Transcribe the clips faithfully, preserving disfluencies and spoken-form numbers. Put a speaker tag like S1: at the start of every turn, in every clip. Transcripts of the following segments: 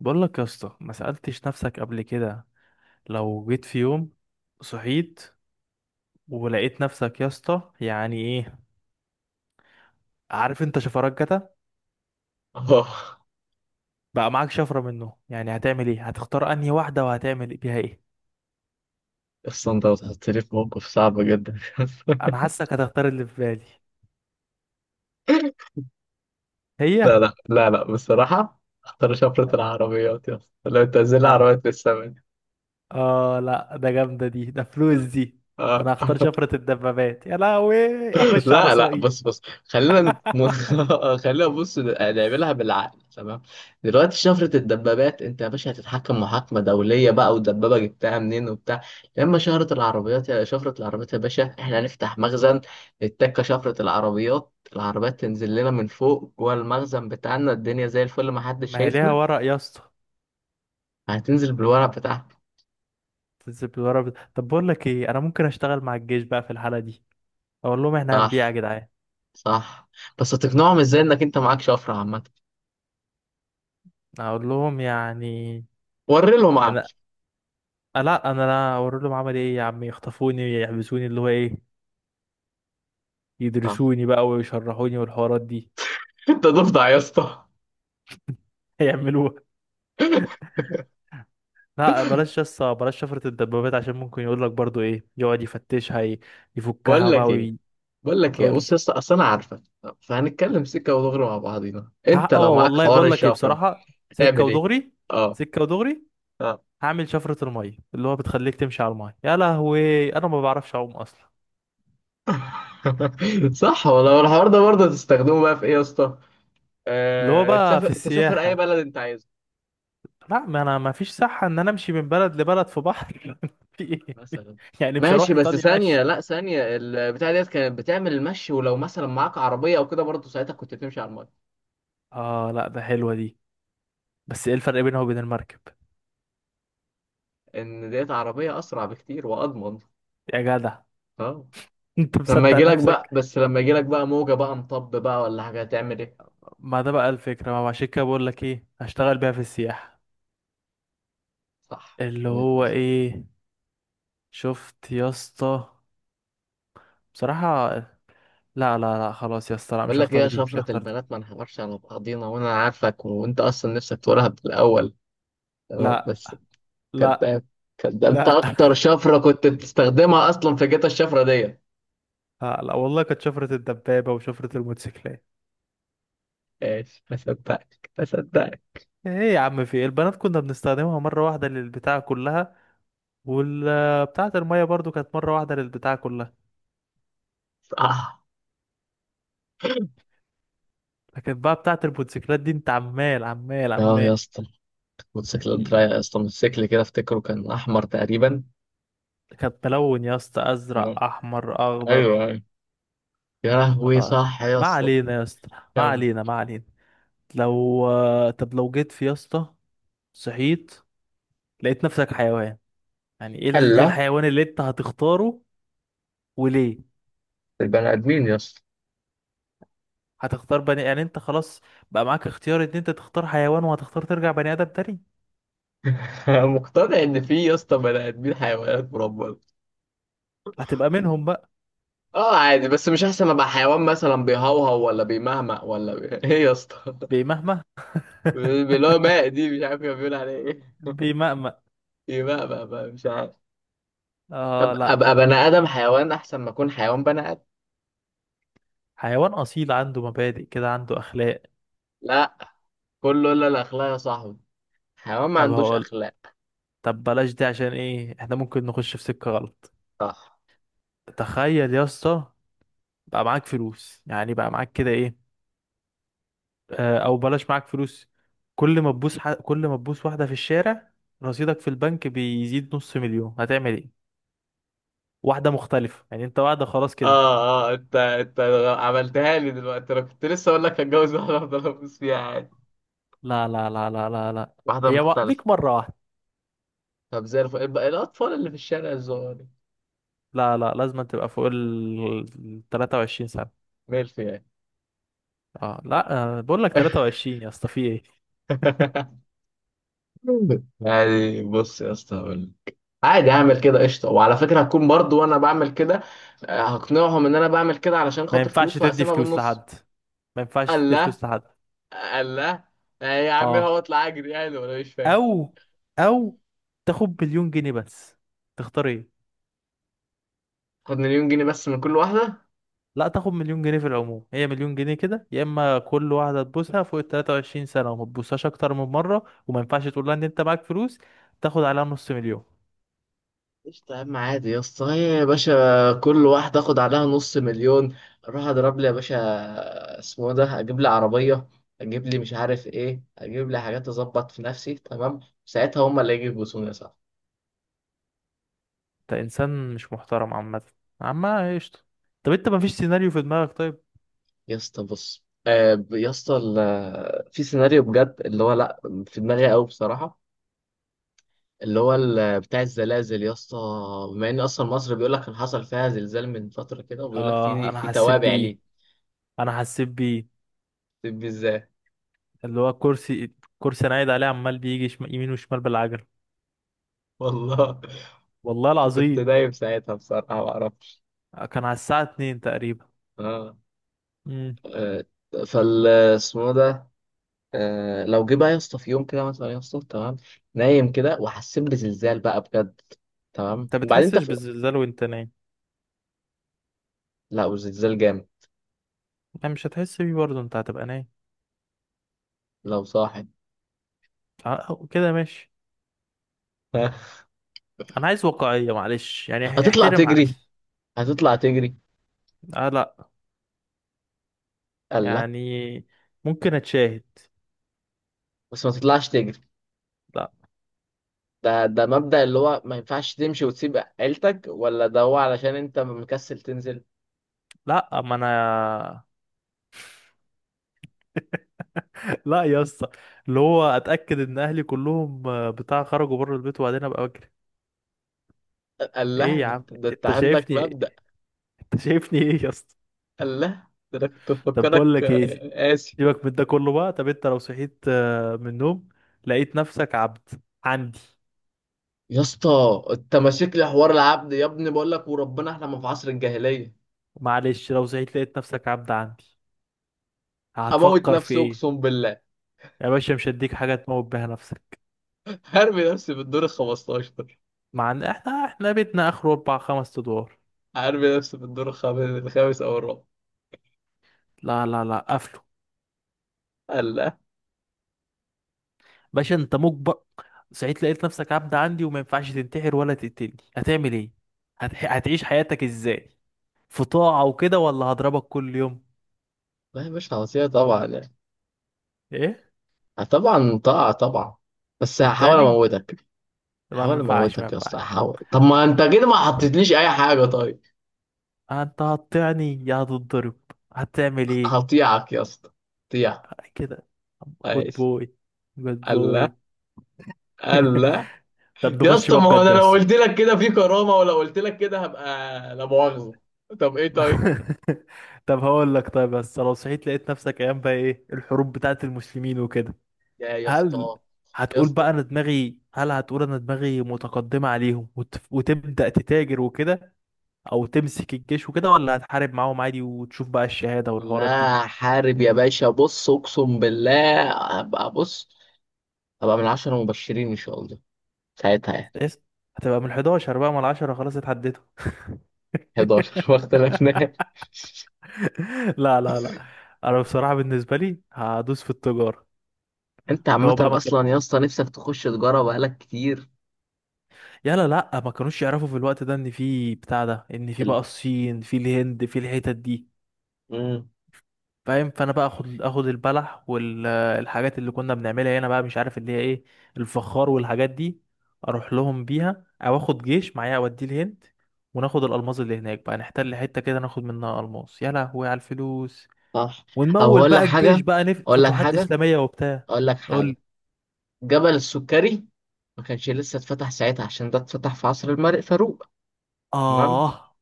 S1: بقول لك يا اسطى، ما سألتش نفسك قبل كده؟ لو جيت في يوم، صحيت، ولقيت نفسك يا اسطى، يعني ايه؟ عارف انت شفرات جتا؟
S2: اه.
S1: بقى معاك شفرة منه، يعني هتعمل ايه؟ هتختار انهي واحدة وهتعمل بيها ايه؟
S2: اصلا انت بتحطني في موقف صعب جدا.
S1: انا حاسك هتختار اللي في بالي.
S2: لا
S1: هي.
S2: لا لا لا، بصراحة اختار شفرة العربيات يا اسطى، لو تنزل
S1: لا،
S2: عربيات في السماء.
S1: اه لا، ده جامدة دي، ده فلوس دي.
S2: اه.
S1: انا هختار شفرة الدبابات، يا لهوي اخش على
S2: لا لا،
S1: اسرائيل.
S2: بص بص، خلينا نت- خلينا بص نعملها بالعقل، تمام؟ دلوقتي شفرة الدبابات انت يا باشا هتتحكم، محاكمة دولية بقى والدبابة جبتها منين وبتاع. لما شهرة العربيات، يا شفرة العربيات يا باشا احنا هنفتح مخزن التكة، شفرة العربيات، العربيات تنزل لنا من فوق جوه المخزن بتاعنا، الدنيا زي الفل ما حدش
S1: ما هي ليها
S2: شايفنا.
S1: ورق يا اسطى؟
S2: هتنزل بالورق بتاعها.
S1: تنزل بالورق بت- طب بقول لك ايه، انا ممكن اشتغل مع الجيش بقى في الحالة دي. اقول لهم احنا هنبيع يا
S2: صح
S1: جدعان.
S2: صح. بس هتقنعهم ازاي انك انت معاك شفرة عامة؟
S1: اقول لهم يعني،
S2: وري لهم عقل.
S1: انا آه لا، انا لا اقول لهم، عمل ايه يا عم؟ يخطفوني، يحبسوني، اللي هو ايه؟
S2: صح.
S1: يدرسوني بقى ويشرحوني والحوارات دي.
S2: انت ضفدع يا اسطى.
S1: هيعملوها. لا بلاش، يس بلاش شفرة الدبابات، عشان ممكن يقول لك برضو ايه، يقعد يفتشها ي-
S2: بقول
S1: يفكها بقى
S2: لك ايه
S1: ويقول.
S2: بقول لك ايه
S1: لي،
S2: بص يا اسطى، اصل انا عارفك، فهنتكلم سكه ودغري مع بعضينا.
S1: ها-
S2: انت لو
S1: اه
S2: معاك
S1: والله
S2: حوار
S1: بقول لك ايه،
S2: الشفره
S1: بصراحة سكة
S2: هتعمل ايه؟
S1: ودغري.
S2: اه.
S1: سكة ودغري.
S2: اه.
S1: هعمل شفرة المية، اللي هو بتخليك تمشي على المية. يا لهوي انا ما بعرفش اعوم اصلا.
S2: صح والله. الحوار ده برضه تستخدمه بقى في ايه يا اسطى؟
S1: اللي هو
S2: آه،
S1: بقى
S2: تسافر،
S1: في
S2: تسافر اي
S1: السياحة.
S2: بلد انت عايزه.
S1: لا، ما انا ما فيش صحة ان انا امشي من بلد لبلد في بحر، في ايه.
S2: مثلا؟
S1: يعني مش هروح
S2: ماشي، بس
S1: ايطاليا،
S2: ثانيه،
S1: ماشي.
S2: لا ثانيه، البتاع ديت كانت بتعمل المشي، ولو مثلا معاك عربيه او كده برضه ساعتها كنت بتمشي على الميه.
S1: اه لا ده حلوة دي، بس ايه الفرق بينها وبين المركب؟
S2: ان ديت عربيه اسرع بكتير واضمن.
S1: يا جدع،
S2: اه.
S1: انت
S2: لما يجي
S1: مصدق
S2: لك بقى،
S1: نفسك؟
S2: بس لما يجي لك بقى موجة بقى، مطب بقى، ولا حاجة هتعمل ايه؟
S1: ما ده بقى الفكرة، ما هو عشان كده بقول لك ايه، هشتغل بيها في السياحة.
S2: صح،
S1: اللي
S2: وجهة
S1: هو
S2: نظر.
S1: ايه. شفت يا اسطى؟ بصراحة لا لا لا، خلاص يا اسطى، لا مش
S2: بقول لك ايه
S1: هختار
S2: يا
S1: دي، مش
S2: شفرة
S1: هختار دي.
S2: البنات، ما نحورش على بعضينا وانا عارفك، وانت اصلا نفسك تقولها من الاول، تمام؟
S1: لا
S2: بس
S1: لا
S2: كداب، كداب. انت
S1: لا.
S2: اكتر شفرة كنت بتستخدمها اصلا في جيت الشفرة دي.
S1: لا, لا والله كانت شفرة الدبابة وشفرة الموتوسيكلات.
S2: ايش؟ ما صدقتك ما صدقتك.
S1: ايه يا عم في إيه؟ البنات كنا بنستخدمها مرة واحدة للبتاعة كلها، والبتاعة المية برضو كانت مرة واحدة للبتاعة كلها.
S2: صح.
S1: لكن بقى بتاعة الموتوسيكلات دي انت عمال عمال
S2: اه يا
S1: عمال.
S2: اسطى، الموتوسيكلات
S1: مم.
S2: رايقة يا اسطى. الموتوسيكل كده افتكره كان احمر تقريبا.
S1: كانت ملون يا اسطى،
S2: تمام.
S1: ازرق احمر
S2: ايوه
S1: اخضر.
S2: ايوه. يا لهوي
S1: آه.
S2: صح يا
S1: ما
S2: اسطى.
S1: علينا يا اسطى، ما
S2: كم؟
S1: علينا ما علينا. لو آه، طب، لو جيت في يا اسطى، صحيت، لقيت نفسك حيوان. يعني ايه ال- إيه
S2: هلا.
S1: الحيوان اللي انت هتختاره؟ وليه؟
S2: البني ادمين يا اسطى.
S1: هتختار بني يعني انت خلاص؟ بقى معاك اختيار ان انت تختار حيوان وهتختار ترجع بني ادم تاني؟
S2: مقتنع ان في يا اسطى بني ادمين حيوانات مربى.
S1: هتبقى منهم بقى؟
S2: اه، عادي، بس مش احسن ابقى حيوان مثلا بيهوهو ولا بيمهمق ولا بي... ايه يا اسطى؟
S1: بمهما.
S2: اللي هو ماء دي، مش عارف كان بيقول عليه ايه.
S1: بمأمأ.
S2: يمهمق بقى، مش عارف.
S1: اه
S2: أب- ابقى
S1: لا.
S2: بني ادم حيوان احسن ما اكون حيوان بني ادم.
S1: حيوان اصيل، عنده مبادئ كده، عنده اخلاق.
S2: لا، كله الا الاخلاق يا صاحبي. حيوان ما
S1: طب
S2: عندوش
S1: هقول
S2: اخلاق.
S1: طب بلاش دي، عشان ايه احنا ممكن نخش في سكة غلط.
S2: صح.
S1: تخيل يا اسطى، بقى معاك فلوس يعني، بقى معاك كده ايه. آه او بلاش معاك فلوس. كل ما تبوس ح... كل ما تبوس واحدة في الشارع، رصيدك في البنك بيزيد نص مليون، هتعمل ايه؟ واحدة مختلفة يعني، انت واحدة خلاص
S2: اه.
S1: كده.
S2: اه انت انت عملتها لي دلوقتي، انا كنت لسه اقول لك هتجوز واحده افضل ابوس فيها عادي.
S1: لا لا لا لا لا لا.
S2: واحده
S1: هي و...
S2: مختلفه.
S1: ليك مرة واحدة.
S2: طب زي الفل، الب- الاطفال اللي في الشارع الصغير.
S1: لا لا، لازم تبقى فوق ال ثلاثة وعشرين سنة.
S2: ميلف يعني.
S1: اه لا. آه، بقول لك ثلاثة وعشرين يا اسطى، في ايه.
S2: يعني بص يا اسطى هقول لك. عادي، اعمل كده قشطه، وعلى فكره هكون برضو وانا بعمل كده. آه، هقنعهم ان انا بعمل كده علشان
S1: ما
S2: خاطر
S1: ينفعش
S2: فلوس
S1: تدي
S2: وهقسمها
S1: فلوس
S2: بالنص.
S1: لحد. ما ينفعش
S2: قال
S1: تدي
S2: لا،
S1: فلوس لحد.
S2: قال لا. آه، يا عم
S1: اه.
S2: هو اطلع اجري يعني، ولا مش فاهم؟
S1: او او تاخد مليون جنيه بس، تختار ايه؟
S2: خد مليون جنيه بس من كل واحده.
S1: لا، تاخد مليون جنيه في العموم، هي مليون جنيه كده، يا اما كل واحدة تبوسها فوق ال تلاتة وعشرين سنة وما تبوسهاش اكتر من مرة، وما ينفعش تقول لها ان انت معاك فلوس، تاخد عليها نص مليون.
S2: قشطة يا عم، عادي يا اسطى. هي يا باشا كل واحد اخد عليها نص مليون، اروح اضرب لي يا باشا، اسمه إيه ده، اجيب لي عربية، اجيب لي مش عارف ايه، اجيب لي حاجات، اظبط في نفسي، تمام؟ ساعتها هما اللي يجوا يبوسوني يا صاحبي.
S1: انت انسان مش محترم عامة. عامة، قشطة. طب انت ما فيش سيناريو في دماغك طيب؟
S2: يا اسطى بص، آه، ب- يا اسطى، ال- في سيناريو بجد اللي هو لا، في دماغي قوي بصراحة. اللي هو ال- بتاع الزلازل يا اسطى، بما ان اصلا مصر بيقول لك كان حصل فيها زلزال من فترة كده، وبيقول لك
S1: اه
S2: في
S1: انا
S2: في
S1: حسيت
S2: توابع
S1: بيه،
S2: ليه.
S1: انا حسيت بيه.
S2: طب ازاي؟
S1: اللي هو كرسي. كرسي انا قاعد عليه عمال بيجي شم... يمين وشمال بالعجل.
S2: والله
S1: والله
S2: كنت
S1: العظيم.
S2: نايم ساعتها بصراحة، ما اعرفش.
S1: كان على الساعة اتنين تقريبا.
S2: اه.
S1: امم.
S2: آه، فال اسمه ده. آه لو جه بقى يا اسطى في يوم كده مثلا يا اسطى، تمام، نايم كده وحسيت بزلزال بقى بجد، تمام،
S1: انت
S2: وبعدين انت
S1: بتحسش
S2: في...
S1: بالزلزال وانت نايم؟
S2: لا، والزلزال جامد.
S1: يعني مش هتحس بيه برضه، انت هتبقى نايم.
S2: لو صاحي.
S1: اه، كده ماشي. انا عايز واقعية معلش يعني،
S2: هتطلع
S1: احترم عقلي.
S2: تجري، هتطلع تجري.
S1: اه لا،
S2: قال لا.
S1: يعني ممكن اتشاهد.
S2: بس ما تطلعش تجري،
S1: لا
S2: ده ده مبدأ؟ اللي هو ما ينفعش تمشي وتسيب عيلتك؟ ولا ده هو علشان انت مكسل تنزل؟
S1: لا ما انا. لا يا اسطى. اللي هو اتاكد ان اهلي كلهم آه، بتاع، خرجوا بره البيت، وبعدين ابقى.
S2: قال لا.
S1: ايه يا
S2: ده,
S1: عم،
S2: ده انت
S1: انت
S2: عندك
S1: شايفني ايه؟
S2: مبدأ.
S1: انت شايفني ايه يا اسطى؟
S2: قال لا، ده انا كنت
S1: طب بقول
S2: مفكرك
S1: لك ايه،
S2: آه، قاسي.
S1: سيبك من ده كله بقى. طب انت لو صحيت آه، من النوم، لقيت نفسك عبد عندي.
S2: يا اسطى انت ماسك لي حوار العبد يا ابني، بقول لك وربنا احنا ما في عصر الجاهليه.
S1: معلش، لو صحيت لقيت نفسك عبد عندي،
S2: اموت
S1: هتفكر في
S2: نفسي
S1: ايه؟
S2: اقسم بالله.
S1: يا باشا مش هديك حاجه تموت بيها نفسك.
S2: هرمي نفسي في الدور ال خمستاشر،
S1: مع ان احنا احنا بيتنا اخره اربع خمس ادوار.
S2: هرمي نفسي في الدور الخامس، الخامس او الرابع.
S1: لا لا لا، قفله.
S2: قال لا.
S1: باشا انت مجبر، صحيت لقيت نفسك عبد عندي وما ينفعش تنتحر ولا تقتلني، هتعمل ايه؟ هتح... هتعيش حياتك ازاي؟ في طاعه وكده، ولا هضربك كل يوم؟
S2: لا، مش هوصيه طبعا يعني.
S1: ايه،
S2: طبعا طبعا طبعا. بس هحاول
S1: هتطعني؟
S2: اموتك.
S1: ما
S2: هحاول
S1: ينفعش، ما
S2: اموتك يا
S1: ينفعش.
S2: اسطى، هحاول، طب ما انت كده ما حطيتليش اي حاجه طيب.
S1: انت هتطعني يا هتتضرب؟ هتعمل ايه؟
S2: هطيعك يا اسطى، هطيع.
S1: كده. جود
S2: ماشي.
S1: بوي. جود
S2: الله
S1: بوي.
S2: الله.
S1: طب
S2: يا
S1: نخش
S2: اسطى
S1: بقى
S2: ما هو انا
S1: بجد يا
S2: لو
S1: اسطى.
S2: قلت لك كده في كرامه، ولو قلت لك كده هبقى، لا مؤاخذه. طب ايه طيب.
S1: طب هقول لك طيب، بس لو صحيت لقيت نفسك ايام بقى ايه، الحروب بتاعت المسلمين وكده.
S2: يا يا
S1: هل
S2: اسطى. يا
S1: هتقول
S2: اسطى،
S1: بقى انا دماغي هل هتقول انا دماغي متقدمة عليهم وت... وتبدأ تتاجر وكده، او تمسك الجيش وكده، ولا هتحارب معاهم عادي وتشوف بقى الشهادة والحوارات دي؟
S2: لا، حارب يا باشا، بص اقسم بالله هبقى، بص هبقى من عشرة مبشرين ان شاء الله ساعتها يعني.
S1: قست، هتبقى من أحد عشر بقى، ما العشرة خلاص اتعدتوا.
S2: حداشر، ما اختلفناش.
S1: لا لا لا. انا بصراحة بالنسبة لي هدوس في التجارة.
S2: انت
S1: اللي
S2: عامه
S1: هو بقى ما كان،
S2: اصلا يا اسطى نفسك تخش تجاره بقالك كتير.
S1: يلا لا ما كانوش يعرفوا في الوقت ده ان في بتاع ده، ان
S2: في
S1: في بقى
S2: ال...
S1: الصين، في الهند، في الحتت دي.
S2: مم.
S1: فاهم؟ فانا بقى اخد اخد البلح والحاجات اللي كنا بنعملها هنا بقى، مش عارف اللي هي ايه، الفخار والحاجات دي. اروح لهم بيها، او اخد جيش معايا اوديه الهند وناخد الالماس اللي هناك بقى، نحتل حته كده ناخد منها الماس. يا لهوي على الفلوس.
S2: صح. طب
S1: ونمول
S2: هقول لك
S1: بقى الجيش
S2: حاجه،
S1: بقى نف
S2: اقول لك
S1: فتوحات
S2: حاجه
S1: اسلاميه وبتاع.
S2: اقول لك حاجه
S1: قول.
S2: جبل السكري ما كانش لسه اتفتح ساعتها، عشان ده اتفتح في عصر الملك فاروق. تمام.
S1: اه.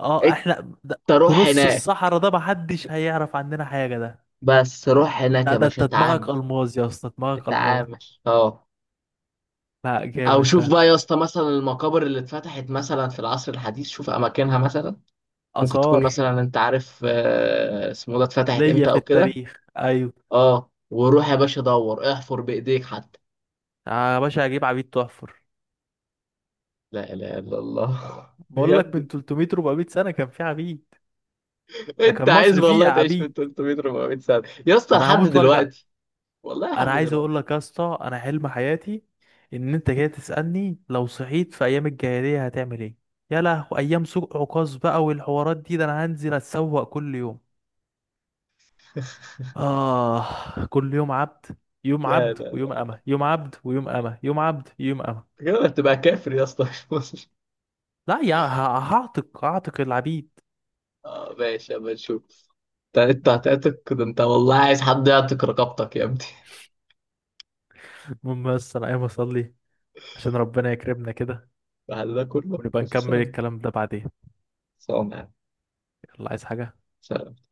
S1: اه
S2: انت
S1: احنا ده. في
S2: روح
S1: نص
S2: هناك.
S1: الصحراء ده محدش هيعرف عننا حاجه ده.
S2: بس روح هناك
S1: لا
S2: يا
S1: ده
S2: باشا،
S1: انت
S2: اتعامل،
S1: دماغك الماس يا اسطى، دماغك الماس.
S2: اتعامل. اه.
S1: لا
S2: او
S1: جامد
S2: شوف
S1: ده.
S2: بقى يا اسطى مثلا المقابر اللي اتفتحت مثلا في العصر الحديث، شوف اماكنها مثلا، ممكن تكون
S1: اثار.
S2: مثلا انت عارف آه، اسمه ده، اتفتحت
S1: ليا
S2: امتى
S1: في
S2: او كده.
S1: التاريخ، ايوه.
S2: اه، وروح يا باشا دور، احفر بايديك حتى.
S1: يا باشا هجيب عبيد تحفر.
S2: لا اله الا الله.
S1: بقول
S2: يا
S1: لك من
S2: ابني
S1: تلتميه اربعميه سنه كان في عبيد. ده كان
S2: انت عايز
S1: مصر فيها
S2: والله تعيش من
S1: عبيد.
S2: تلت ميه اربع ميه سنه يا اسطى
S1: انا
S2: لحد
S1: هموت وارجع.
S2: دلوقتي؟ والله لحد
S1: انا عايز
S2: دلوقتي.
S1: اقول لك يا اسطى، انا حلم حياتي ان انت جاي تسالني لو صحيت في ايام الجاهليه هتعمل ايه. يا لهو ايام سوق عكاظ بقى والحوارات دي، ده انا هنزل اتسوق كل يوم. اه كل يوم عبد. يوم
S2: لا
S1: عبد
S2: لا
S1: ويوم
S2: لا،
S1: أمة، يوم عبد ويوم أمة، يوم عبد يوم أمة.
S2: كده هتبقى كافر يا اسطى، مش مسلم.
S1: لا يا ه- هعتق هعتق العبيد.
S2: اه ماشي، اما نشوف. انت انت هتعتق؟ ده انت والله عايز حد يعتق رقبتك يا ابني.
S1: المهم بس انا قايم اصلي عشان ربنا يكرمنا كده،
S2: بعد ده كله
S1: ونبقى نكمل
S2: خلصان؟
S1: الكلام ده بعدين.
S2: خلصان يعني.
S1: يلا، عايز حاجة؟
S2: سلام.